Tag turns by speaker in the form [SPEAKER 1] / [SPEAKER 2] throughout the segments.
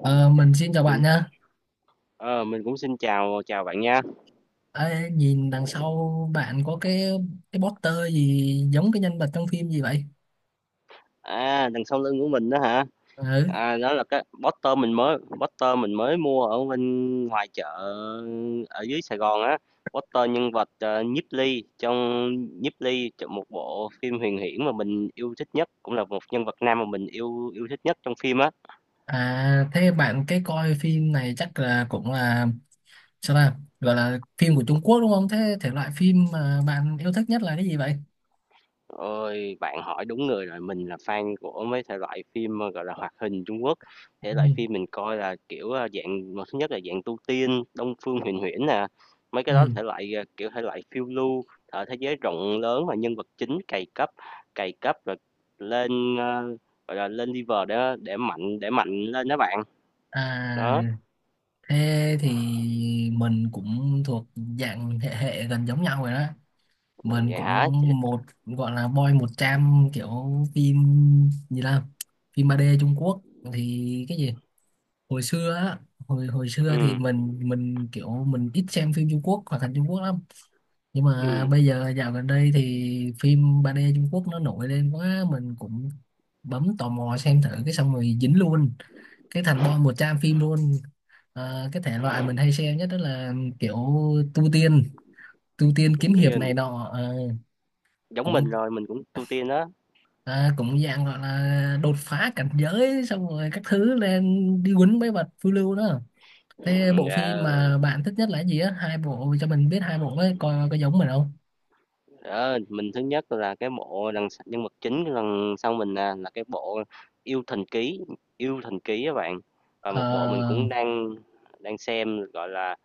[SPEAKER 1] Ờ, mình xin chào bạn
[SPEAKER 2] Mình
[SPEAKER 1] nha.
[SPEAKER 2] ờ, mình cũng xin chào chào bạn nha.
[SPEAKER 1] Ê, nhìn đằng sau bạn có cái poster gì giống cái nhân vật trong phim gì vậy?
[SPEAKER 2] À, đằng sau lưng của mình đó hả?
[SPEAKER 1] Ừ.
[SPEAKER 2] À, đó là cái Poster mình mới mua ở bên ngoài chợ ở dưới Sài Gòn á. Poster nhân vật Nhiếp Ly trong một bộ phim huyền huyễn mà mình yêu thích nhất, cũng là một nhân vật nam mà mình yêu yêu thích nhất trong phim á.
[SPEAKER 1] À thế bạn cái coi phim này chắc là cũng là sao ta? Gọi là phim của Trung Quốc đúng không? Thế thể loại phim mà bạn yêu thích nhất là cái gì vậy?
[SPEAKER 2] Ôi, bạn hỏi đúng người rồi, mình là fan của mấy thể loại phim, gọi là, hoạt hình Trung Quốc. Thể loại
[SPEAKER 1] Ừ.
[SPEAKER 2] phim mình coi là, kiểu, dạng một thứ nhất là dạng tu tiên, Đông Phương Huyền Huyễn nè, mấy
[SPEAKER 1] Ừ.
[SPEAKER 2] cái đó là thể loại, à, kiểu, thể loại phiêu lưu, ở thế giới rộng lớn và nhân vật chính cày cấp rồi lên, gọi là, lên level để mạnh lên đó bạn. Đó,
[SPEAKER 1] À thế thì mình cũng thuộc dạng hệ hệ gần giống nhau rồi đó. Mình
[SPEAKER 2] vậy hả?
[SPEAKER 1] cũng một gọi là boy 100 kiểu phim, gì là phim 3D Trung Quốc thì cái gì hồi xưa á, hồi hồi xưa thì
[SPEAKER 2] Ừm,
[SPEAKER 1] mình kiểu mình ít xem phim Trung Quốc, hoạt hình Trung Quốc lắm, nhưng mà
[SPEAKER 2] ừm,
[SPEAKER 1] bây giờ dạo gần đây thì phim 3D Trung Quốc nó nổi lên quá, mình cũng bấm tò mò xem thử, cái xong rồi dính luôn, cái thành boy 100 phim luôn. Ờ, cái thể loại mình hay xem nhất đó là kiểu tu tiên tu tiên
[SPEAKER 2] tu
[SPEAKER 1] kiếm hiệp này
[SPEAKER 2] tiên,
[SPEAKER 1] nọ. Ờ,
[SPEAKER 2] giống
[SPEAKER 1] cũng
[SPEAKER 2] mình rồi, mình cũng tu tiên đó,
[SPEAKER 1] cũng dạng gọi là đột phá cảnh giới xong rồi các thứ, lên đi quýnh mấy vật, phiêu lưu đó. Thế bộ phim
[SPEAKER 2] yeah.
[SPEAKER 1] mà bạn thích nhất là cái gì á, hai bộ cho mình biết, hai bộ đấy coi có giống mình không?
[SPEAKER 2] Ờ, mình thứ nhất là cái bộ đằng s nhân vật chính đằng sau mình nè, là cái bộ "Yêu Thần Ký", "Yêu Thần Ký" các bạn. Và
[SPEAKER 1] Ờ,
[SPEAKER 2] một bộ mình cũng đang đang xem, gọi là,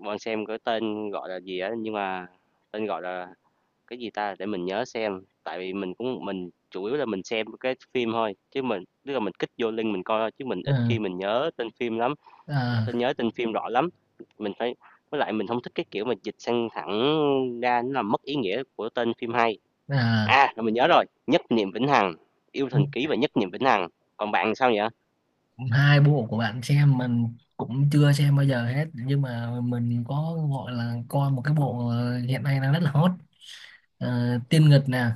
[SPEAKER 2] đang xem cái tên gọi là gì á, nhưng mà tên gọi là cái gì ta, để mình nhớ xem. Tại vì mình chủ yếu là mình xem cái phim thôi, chứ mình tức là mình kích vô link mình coi thôi, chứ mình
[SPEAKER 1] ờ,
[SPEAKER 2] ít khi mình nhớ tên phim lắm,
[SPEAKER 1] ờ,
[SPEAKER 2] nhớ tên phim rõ lắm. Mình phải với lại mình không thích cái kiểu mà dịch sang thẳng ra nó làm mất ý nghĩa của tên phim hay.
[SPEAKER 1] ờ.
[SPEAKER 2] À, rồi mình nhớ rồi, Nhất Niệm Vĩnh Hằng, Yêu Thần Ký và Nhất Niệm Vĩnh Hằng. Còn bạn sao vậy?
[SPEAKER 1] Hai bộ của bạn xem mình cũng chưa xem bao giờ hết, nhưng mà mình có gọi là coi một cái bộ hiện nay đang rất là hot. Ờ, Tiên Nghịch nè,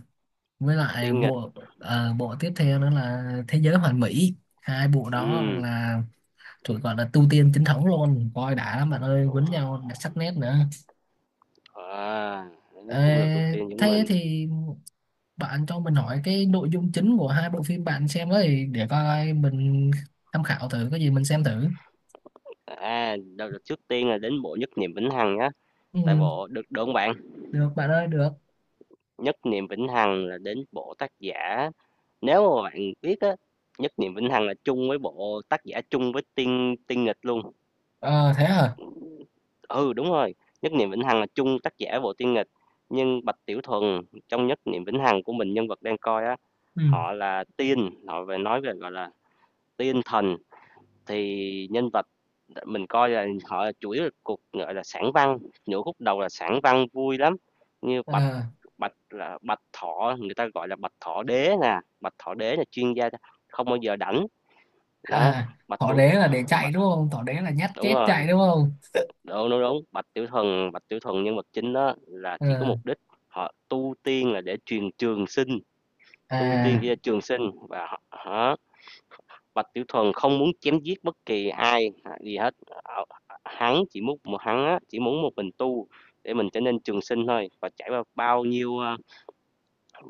[SPEAKER 1] với lại
[SPEAKER 2] Tiên Nghịch.
[SPEAKER 1] bộ tiếp theo nữa là Thế Giới Hoàn Mỹ. Hai bộ đó
[SPEAKER 2] Ừm.
[SPEAKER 1] là tụi gọi là tu tiên chính thống luôn. Coi đã lắm bạn ơi, quýnh nhau đã, sắc nét nữa.
[SPEAKER 2] À, nó
[SPEAKER 1] Ờ,
[SPEAKER 2] cũng là tu tiên giống
[SPEAKER 1] thế
[SPEAKER 2] mình.
[SPEAKER 1] thì bạn cho mình hỏi cái nội dung chính của hai bộ phim bạn xem đó, thì để coi mình tham khảo thử, cái gì mình xem thử.
[SPEAKER 2] À, trước tiên là đến bộ Nhất Niệm Vĩnh Hằng nhá.
[SPEAKER 1] Ừ.
[SPEAKER 2] Tại bộ được được không bạn?
[SPEAKER 1] Được bạn ơi, được.
[SPEAKER 2] Nhất Niệm Vĩnh Hằng là đến bộ tác giả. Nếu mà bạn biết á, Nhất Niệm Vĩnh Hằng là chung với bộ tác giả chung với Tiên Tiên Nghịch luôn.
[SPEAKER 1] Ờ thế hả.
[SPEAKER 2] Ừ đúng rồi, Nhất Niệm Vĩnh Hằng là chung tác giả bộ Tiên Nghịch. Nhưng Bạch Tiểu Thuần trong Nhất Niệm Vĩnh Hằng của mình nhân vật đang coi á.
[SPEAKER 1] Ừ.
[SPEAKER 2] Họ là tiên, họ về nói về, gọi là, tiên thần, thì nhân vật mình coi là họ là chủ yếu là cục, gọi là, sản văn, nửa khúc đầu là sản văn vui lắm, như Bạch
[SPEAKER 1] Ờ,
[SPEAKER 2] Bạch là Bạch Thọ, người ta gọi là Bạch Thọ Đế nè, Bạch Thọ Đế là chuyên gia không bao giờ đảnh đó,
[SPEAKER 1] à,
[SPEAKER 2] Bạch
[SPEAKER 1] Thỏ
[SPEAKER 2] Tiểu
[SPEAKER 1] đế là để chạy
[SPEAKER 2] Bạch
[SPEAKER 1] đúng không? Thỏ đế là nhát
[SPEAKER 2] đúng
[SPEAKER 1] chết
[SPEAKER 2] rồi,
[SPEAKER 1] chạy đúng không?
[SPEAKER 2] đúng, đúng, đúng, Bạch Tiểu thần nhân vật chính đó là chỉ có
[SPEAKER 1] Ờ,
[SPEAKER 2] mục đích họ tu tiên là để truyền trường sinh, tu tiên chỉ
[SPEAKER 1] à,
[SPEAKER 2] là trường sinh và họ Bạch Tiểu Thuần không muốn chém giết bất kỳ ai à, gì hết. Ờ, Hắn chỉ muốn chỉ muốn một mình tu để mình trở nên trường sinh thôi và trải qua bao nhiêu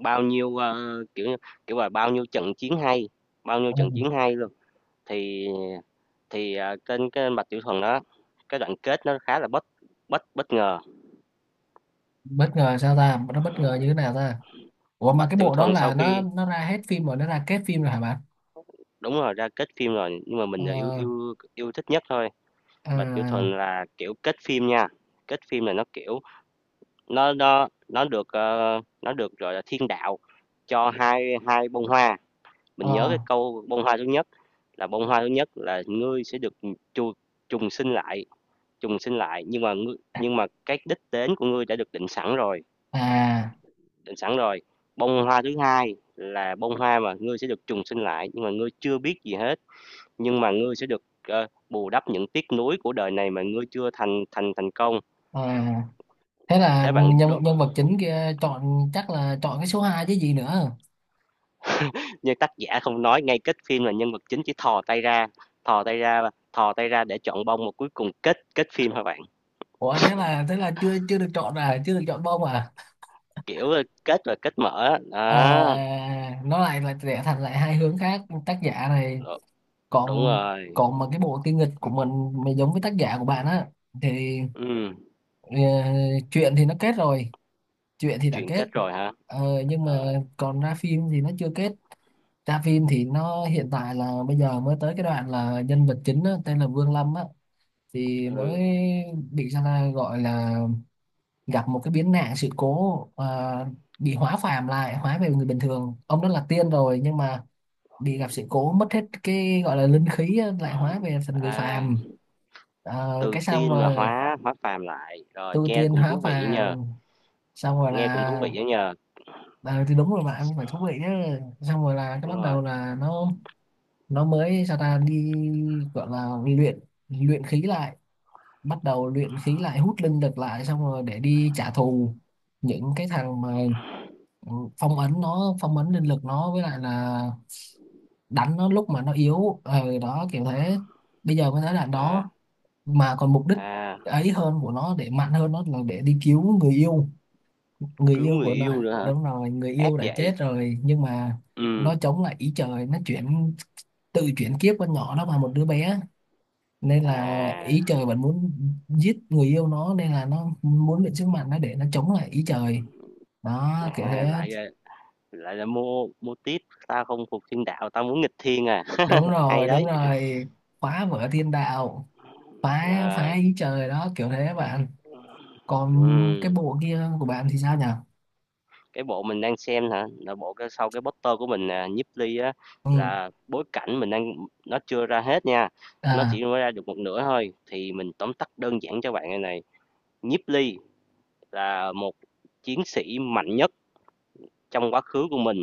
[SPEAKER 2] bao nhiêu kiểu kiểu là bao nhiêu trận chiến hay, bao nhiêu
[SPEAKER 1] ừ.
[SPEAKER 2] trận chiến hay luôn. Thì thì kênh trên cái Bạch Tiểu Thuần đó cái đoạn kết nó khá là bất bất bất ngờ.
[SPEAKER 1] Bất ngờ sao ta? Nó bất ngờ như thế nào ta? Ủa mà cái
[SPEAKER 2] Bạch Tiểu
[SPEAKER 1] bộ đó
[SPEAKER 2] Thuần sau
[SPEAKER 1] là
[SPEAKER 2] khi
[SPEAKER 1] nó ra hết phim rồi? Nó ra kết phim rồi hả bạn?
[SPEAKER 2] đúng rồi ra kết phim rồi nhưng mà mình là yêu
[SPEAKER 1] Ờ,
[SPEAKER 2] yêu yêu thích nhất thôi. Bạch Tiểu Thuần
[SPEAKER 1] à,
[SPEAKER 2] là kiểu kết phim nha. Kết phim là nó kiểu nó được nó được gọi là thiên đạo cho hai hai bông hoa.
[SPEAKER 1] ờ,
[SPEAKER 2] Mình nhớ cái câu bông hoa thứ nhất là bông hoa thứ nhất là ngươi sẽ được chu, trùng sinh lại, trùng sinh lại nhưng mà ngươi, nhưng mà cái đích đến của ngươi đã được định sẵn rồi,
[SPEAKER 1] à.
[SPEAKER 2] định sẵn rồi. Bông hoa thứ hai là bông hoa mà ngươi sẽ được trùng sinh lại nhưng mà ngươi chưa biết gì hết, nhưng mà ngươi sẽ được bù đắp những tiếc nuối của đời này mà ngươi chưa thành thành thành công.
[SPEAKER 1] À thế là
[SPEAKER 2] Thế
[SPEAKER 1] nhân nhân vật chính kia chọn chắc là chọn cái số 2 chứ gì nữa.
[SPEAKER 2] như tác giả không nói ngay kết phim là nhân vật chính chỉ thò tay ra, thò tay ra thò tay ra để chọn bông mà cuối cùng kết kết phim hả bạn?
[SPEAKER 1] Ủa, thế là chưa chưa được chọn à, chưa được chọn bông à?
[SPEAKER 2] Kiểu kết rồi kết mở đó.
[SPEAKER 1] À, nó lại lại rẽ thành lại hai hướng khác, tác giả này.
[SPEAKER 2] Đúng
[SPEAKER 1] còn
[SPEAKER 2] rồi.
[SPEAKER 1] còn mà cái bộ tiêu nghịch của mình mà giống với tác giả của bạn á, thì
[SPEAKER 2] Ừ.
[SPEAKER 1] ờ, chuyện thì nó kết rồi, chuyện thì đã
[SPEAKER 2] Chuyện
[SPEAKER 1] kết.
[SPEAKER 2] kết rồi hả?
[SPEAKER 1] Nhưng mà
[SPEAKER 2] Ờ.
[SPEAKER 1] còn ra phim thì nó chưa kết. Ra phim thì nó hiện tại là bây giờ mới tới cái đoạn là nhân vật chính á, tên là Vương Lâm á, thì
[SPEAKER 2] Ừ.
[SPEAKER 1] mới bị sao ta, gọi là gặp một cái biến nạn sự cố, bị hóa phàm lại, hóa về người bình thường. Ông đó là tiên rồi nhưng mà bị gặp sự cố mất hết cái gọi là linh khí á, lại hóa về thành người
[SPEAKER 2] À,
[SPEAKER 1] phàm. Ờ,
[SPEAKER 2] từ
[SPEAKER 1] cái xong
[SPEAKER 2] tiên mà
[SPEAKER 1] rồi,
[SPEAKER 2] hóa hóa phàm lại rồi
[SPEAKER 1] tu
[SPEAKER 2] nghe
[SPEAKER 1] tiên
[SPEAKER 2] cũng
[SPEAKER 1] hóa
[SPEAKER 2] thú vị nhờ.
[SPEAKER 1] phàm, xong rồi
[SPEAKER 2] Nghe cũng thú
[SPEAKER 1] là.
[SPEAKER 2] vị đó nhờ.
[SPEAKER 1] Ờ, thì đúng rồi bạn, phải thú vị chứ. Xong rồi là cái
[SPEAKER 2] Đúng
[SPEAKER 1] bắt
[SPEAKER 2] rồi.
[SPEAKER 1] đầu là nó mới sao ta, đi gọi là luyện luyện khí lại, bắt đầu luyện khí lại, hút linh lực lại, xong rồi để đi trả thù những cái thằng mà, ừ, phong ấn linh lực nó, với lại là đánh nó lúc mà nó yếu ờ, đó kiểu thế. Bây giờ mới tới đoạn
[SPEAKER 2] À.
[SPEAKER 1] đó. Mà còn mục đích
[SPEAKER 2] À,
[SPEAKER 1] ấy hơn của nó để mạnh hơn, nó là để đi cứu người yêu, người
[SPEAKER 2] cứu
[SPEAKER 1] yêu
[SPEAKER 2] người
[SPEAKER 1] của nó.
[SPEAKER 2] yêu nữa hả?
[SPEAKER 1] Đúng rồi, người
[SPEAKER 2] Ác
[SPEAKER 1] yêu đã
[SPEAKER 2] vậy.
[SPEAKER 1] chết rồi nhưng mà
[SPEAKER 2] Ừ.
[SPEAKER 1] nó chống lại ý trời. Nó tự chuyển kiếp con nhỏ nó vào một đứa bé, nên là
[SPEAKER 2] À,
[SPEAKER 1] ý trời vẫn muốn giết người yêu nó, nên là nó muốn mượn sức mạnh nó để nó chống lại ý trời, đó kiểu thế.
[SPEAKER 2] à, lại là mua mua tiếp, tao không phục thiên đạo tao muốn nghịch thiên à.
[SPEAKER 1] Đúng
[SPEAKER 2] Hay
[SPEAKER 1] rồi, đúng
[SPEAKER 2] đấy.
[SPEAKER 1] rồi. Phá vỡ thiên đạo, phá
[SPEAKER 2] À,
[SPEAKER 1] phá ý trời, đó kiểu thế bạn. Còn cái
[SPEAKER 2] ừm.
[SPEAKER 1] bộ kia của bạn thì sao nhỉ?
[SPEAKER 2] Cái bộ mình đang xem hả là bộ cái sau cái poster của mình à, Nhiếp Ly á
[SPEAKER 1] Ừ.
[SPEAKER 2] là bối cảnh mình đang, nó chưa ra hết nha, nó
[SPEAKER 1] À.
[SPEAKER 2] chỉ mới ra được một nửa thôi thì mình tóm tắt đơn giản cho bạn. Này này Nhiếp Ly là một chiến sĩ mạnh nhất trong quá khứ của mình,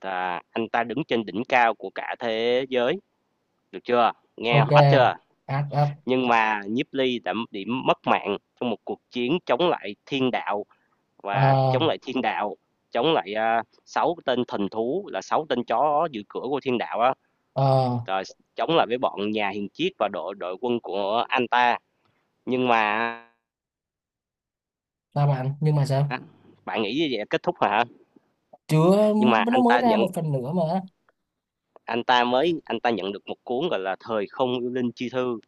[SPEAKER 2] là anh ta đứng trên đỉnh cao của cả thế giới, được chưa, nghe
[SPEAKER 1] Ok.
[SPEAKER 2] hot chưa?
[SPEAKER 1] Ác ác.
[SPEAKER 2] Nhưng mà Nhiếp Ly đã bị mất mạng trong một cuộc chiến chống lại thiên đạo
[SPEAKER 1] Ờ,
[SPEAKER 2] và chống lại thiên đạo, chống lại sáu tên thần thú là sáu tên chó giữ cửa của thiên đạo á,
[SPEAKER 1] ờ.
[SPEAKER 2] rồi chống lại với bọn nhà hiền triết và đội đội quân của anh ta, nhưng mà
[SPEAKER 1] Sao bạn, nhưng mà sao?
[SPEAKER 2] á, bạn nghĩ như vậy là kết thúc rồi hả?
[SPEAKER 1] Chưa,
[SPEAKER 2] Nhưng mà
[SPEAKER 1] nó
[SPEAKER 2] anh
[SPEAKER 1] mới
[SPEAKER 2] ta
[SPEAKER 1] ra
[SPEAKER 2] nhận
[SPEAKER 1] một phần nữa mà.
[SPEAKER 2] Anh ta nhận được một cuốn gọi là thời không yêu linh chi thư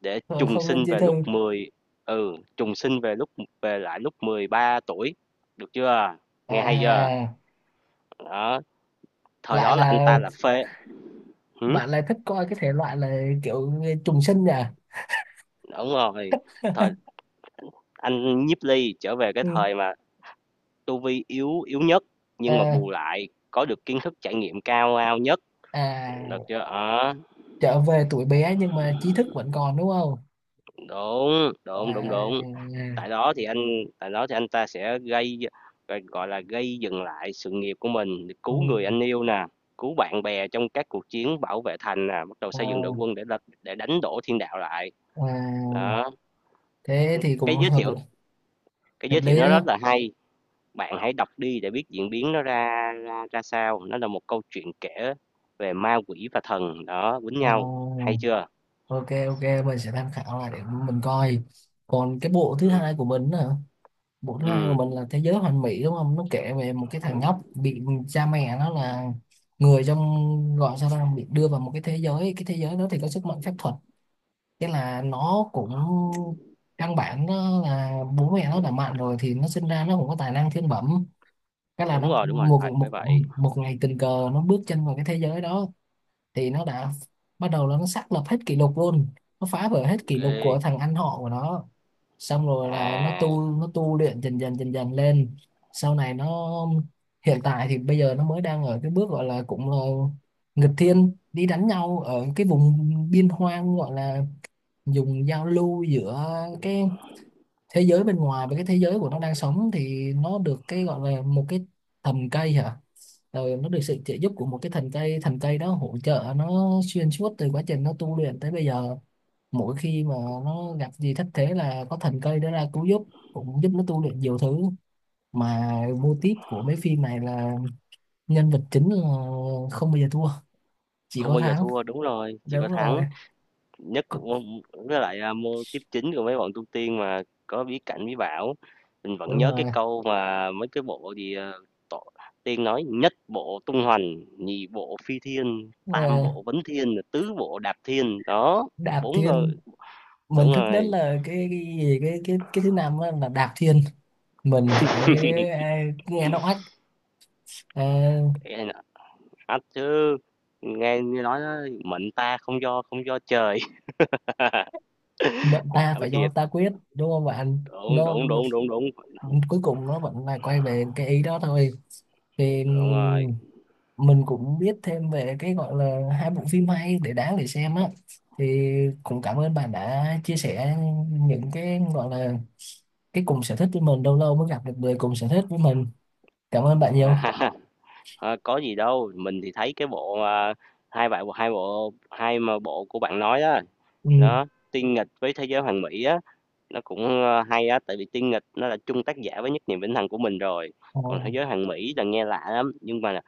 [SPEAKER 2] để
[SPEAKER 1] Ờ,
[SPEAKER 2] trùng
[SPEAKER 1] không linh
[SPEAKER 2] sinh
[SPEAKER 1] chi
[SPEAKER 2] về
[SPEAKER 1] thư.
[SPEAKER 2] lúc ừ, trùng sinh về về lại lúc 13 tuổi, được chưa? Nghe hay chưa?
[SPEAKER 1] À,
[SPEAKER 2] Đó, thời
[SPEAKER 1] lại
[SPEAKER 2] đó là anh
[SPEAKER 1] là
[SPEAKER 2] ta là phê. Hử?
[SPEAKER 1] bạn lại thích coi cái thể loại là kiểu trùng sinh à?
[SPEAKER 2] Đúng rồi. Thời anh Nhiếp Ly trở về cái
[SPEAKER 1] Ừ.
[SPEAKER 2] thời mà tu vi yếu yếu nhất nhưng mà
[SPEAKER 1] À,
[SPEAKER 2] bù lại có được kiến thức trải nghiệm ao nhất, được
[SPEAKER 1] à,
[SPEAKER 2] chưa? Đó,
[SPEAKER 1] trở về tuổi bé nhưng mà trí thức vẫn còn đúng không?
[SPEAKER 2] đúng, đúng, đúng,
[SPEAKER 1] À,
[SPEAKER 2] đúng. Tại đó thì anh tại đó thì anh ta sẽ gọi là, gây dừng lại sự nghiệp của mình,
[SPEAKER 1] ừ,
[SPEAKER 2] cứu người anh yêu nè, cứu bạn bè trong các cuộc chiến bảo vệ thành nè, bắt đầu
[SPEAKER 1] à,
[SPEAKER 2] xây dựng đội quân để đánh đổ thiên đạo lại.
[SPEAKER 1] à,
[SPEAKER 2] Đó,
[SPEAKER 1] thế thì cũng
[SPEAKER 2] cái giới thiệu cái
[SPEAKER 1] hợp
[SPEAKER 2] giới thiệu
[SPEAKER 1] lý
[SPEAKER 2] nó rất
[SPEAKER 1] đó.
[SPEAKER 2] là hay, bạn hãy đọc đi để biết diễn biến nó ra ra ra sao. Nó là một câu chuyện kể về ma quỷ và thần, đó, quýnh
[SPEAKER 1] Ờ,
[SPEAKER 2] nhau, hay chưa?
[SPEAKER 1] ok, ok, mình sẽ tham khảo lại để mình coi. Còn cái bộ thứ hai của
[SPEAKER 2] Ừm,
[SPEAKER 1] mình á, bộ thứ hai của
[SPEAKER 2] ừm,
[SPEAKER 1] mình là Thế Giới Hoàn Mỹ đúng không. Nó kể về một cái thằng nhóc bị cha mẹ nó là người trong, gọi sao ra, bị đưa vào một cái thế giới, cái thế giới đó thì có sức mạnh phép thuật. Thế là nó cũng, căn bản nó là bố mẹ nó đã mạnh rồi thì nó sinh ra nó cũng có tài năng thiên bẩm. Cái là nó
[SPEAKER 2] đúng rồi,
[SPEAKER 1] một
[SPEAKER 2] phải
[SPEAKER 1] một
[SPEAKER 2] phải vậy.
[SPEAKER 1] một ngày tình cờ nó bước chân vào cái thế giới đó, thì nó đã bắt đầu là nó xác lập hết kỷ lục luôn, nó phá vỡ hết kỷ lục
[SPEAKER 2] Ghê,
[SPEAKER 1] của thằng anh họ của nó. Xong rồi là
[SPEAKER 2] à,
[SPEAKER 1] nó tu luyện dần dần dần dần lên, sau này nó, hiện tại thì bây giờ nó mới đang ở cái bước gọi là cũng là nghịch thiên đi đánh nhau ở cái vùng biên hoang, gọi là dùng giao lưu giữa cái thế giới bên ngoài với cái thế giới của nó đang sống, thì nó được cái gọi là một cái thần cây hả, rồi nó được sự trợ giúp của một cái thần cây, thần cây đó hỗ trợ nó xuyên suốt từ quá trình nó tu luyện tới bây giờ. Mỗi khi mà nó gặp gì thất thế là có thần cây đó ra cứu giúp, cũng giúp nó tu luyện nhiều thứ. Mà mô típ của mấy phim này là nhân vật chính là không bao giờ thua, chỉ
[SPEAKER 2] không
[SPEAKER 1] có
[SPEAKER 2] bao giờ
[SPEAKER 1] thắng.
[SPEAKER 2] thua, đúng rồi, chỉ có
[SPEAKER 1] Đúng
[SPEAKER 2] thắng.
[SPEAKER 1] rồi.
[SPEAKER 2] nhất
[SPEAKER 1] Cũng-
[SPEAKER 2] môn- với lại à, môn tiếp chính của mấy bọn tu tiên mà có bí cảnh bí bảo, mình vẫn
[SPEAKER 1] Đúng
[SPEAKER 2] nhớ cái
[SPEAKER 1] rồi.
[SPEAKER 2] câu mà mấy cái bộ gì à, tổ, tiên nói nhất bộ tung hoành nhị bộ phi thiên tam
[SPEAKER 1] Ờ,
[SPEAKER 2] bộ vấn thiên tứ bộ đạp thiên đó
[SPEAKER 1] đạp
[SPEAKER 2] bốn người.
[SPEAKER 1] thiên, mình
[SPEAKER 2] Đúng
[SPEAKER 1] thích nhất
[SPEAKER 2] rồi.
[SPEAKER 1] là cái gì- cái thứ năm á, là đạp thiên. Mình phải, à, nghe nó oách. À,
[SPEAKER 2] Ê, nói chứ nghe như nói đó, mệnh ta không do trời.
[SPEAKER 1] mệnh ta
[SPEAKER 2] Bảo
[SPEAKER 1] phải do
[SPEAKER 2] thiệt,
[SPEAKER 1] ta quyết đúng không bạn?
[SPEAKER 2] đúng
[SPEAKER 1] nó,
[SPEAKER 2] đúng
[SPEAKER 1] nó
[SPEAKER 2] đúng đúng đúng.
[SPEAKER 1] cuối cùng nó vẫn là quay về cái ý đó thôi, thì
[SPEAKER 2] Đúng rồi.
[SPEAKER 1] mình cũng biết thêm về cái gọi là hai bộ phim hay, để đáng để xem á, thì cũng cảm ơn bạn đã chia sẻ những cái gọi là cái cùng sở thích với mình, lâu lâu mới gặp được người cùng sở thích với mình, cảm ơn bạn nhiều.
[SPEAKER 2] Ờ, có gì đâu, mình thì thấy cái bộ, à, hai bạn hai bộ hai mà bộ của bạn nói đó.
[SPEAKER 1] Ừ.
[SPEAKER 2] Đó, Tiên Nghịch với Thế Giới Hoàn Mỹ á, nó cũng, hay á, tại vì Tiên Nghịch nó là chung tác giả với Nhất Niệm Vĩnh Hằng của mình rồi,
[SPEAKER 1] Ờ,
[SPEAKER 2] còn Thế Giới Hoàn Mỹ là nghe lạ lắm, nhưng mà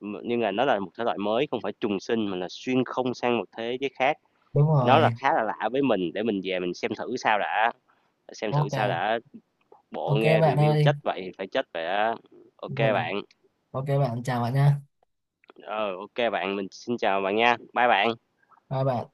[SPEAKER 2] nhưng mà nó là một thể loại mới, không phải trùng sinh mà là xuyên không sang một thế giới khác,
[SPEAKER 1] đúng
[SPEAKER 2] nó là
[SPEAKER 1] rồi.
[SPEAKER 2] khá là lạ với mình, để mình về mình xem thử sao đã, xem thử sao
[SPEAKER 1] Ok,
[SPEAKER 2] đã, bộ
[SPEAKER 1] ok
[SPEAKER 2] nghe
[SPEAKER 1] bạn
[SPEAKER 2] review
[SPEAKER 1] ơi.
[SPEAKER 2] chết vậy thì phải chết vậy á. Ô
[SPEAKER 1] Ừ,
[SPEAKER 2] bạn,
[SPEAKER 1] ok bạn, chào bạn nha.
[SPEAKER 2] ờ, ô bạn, mình xin chào bạn nha, bye bạn.
[SPEAKER 1] Hai bạn.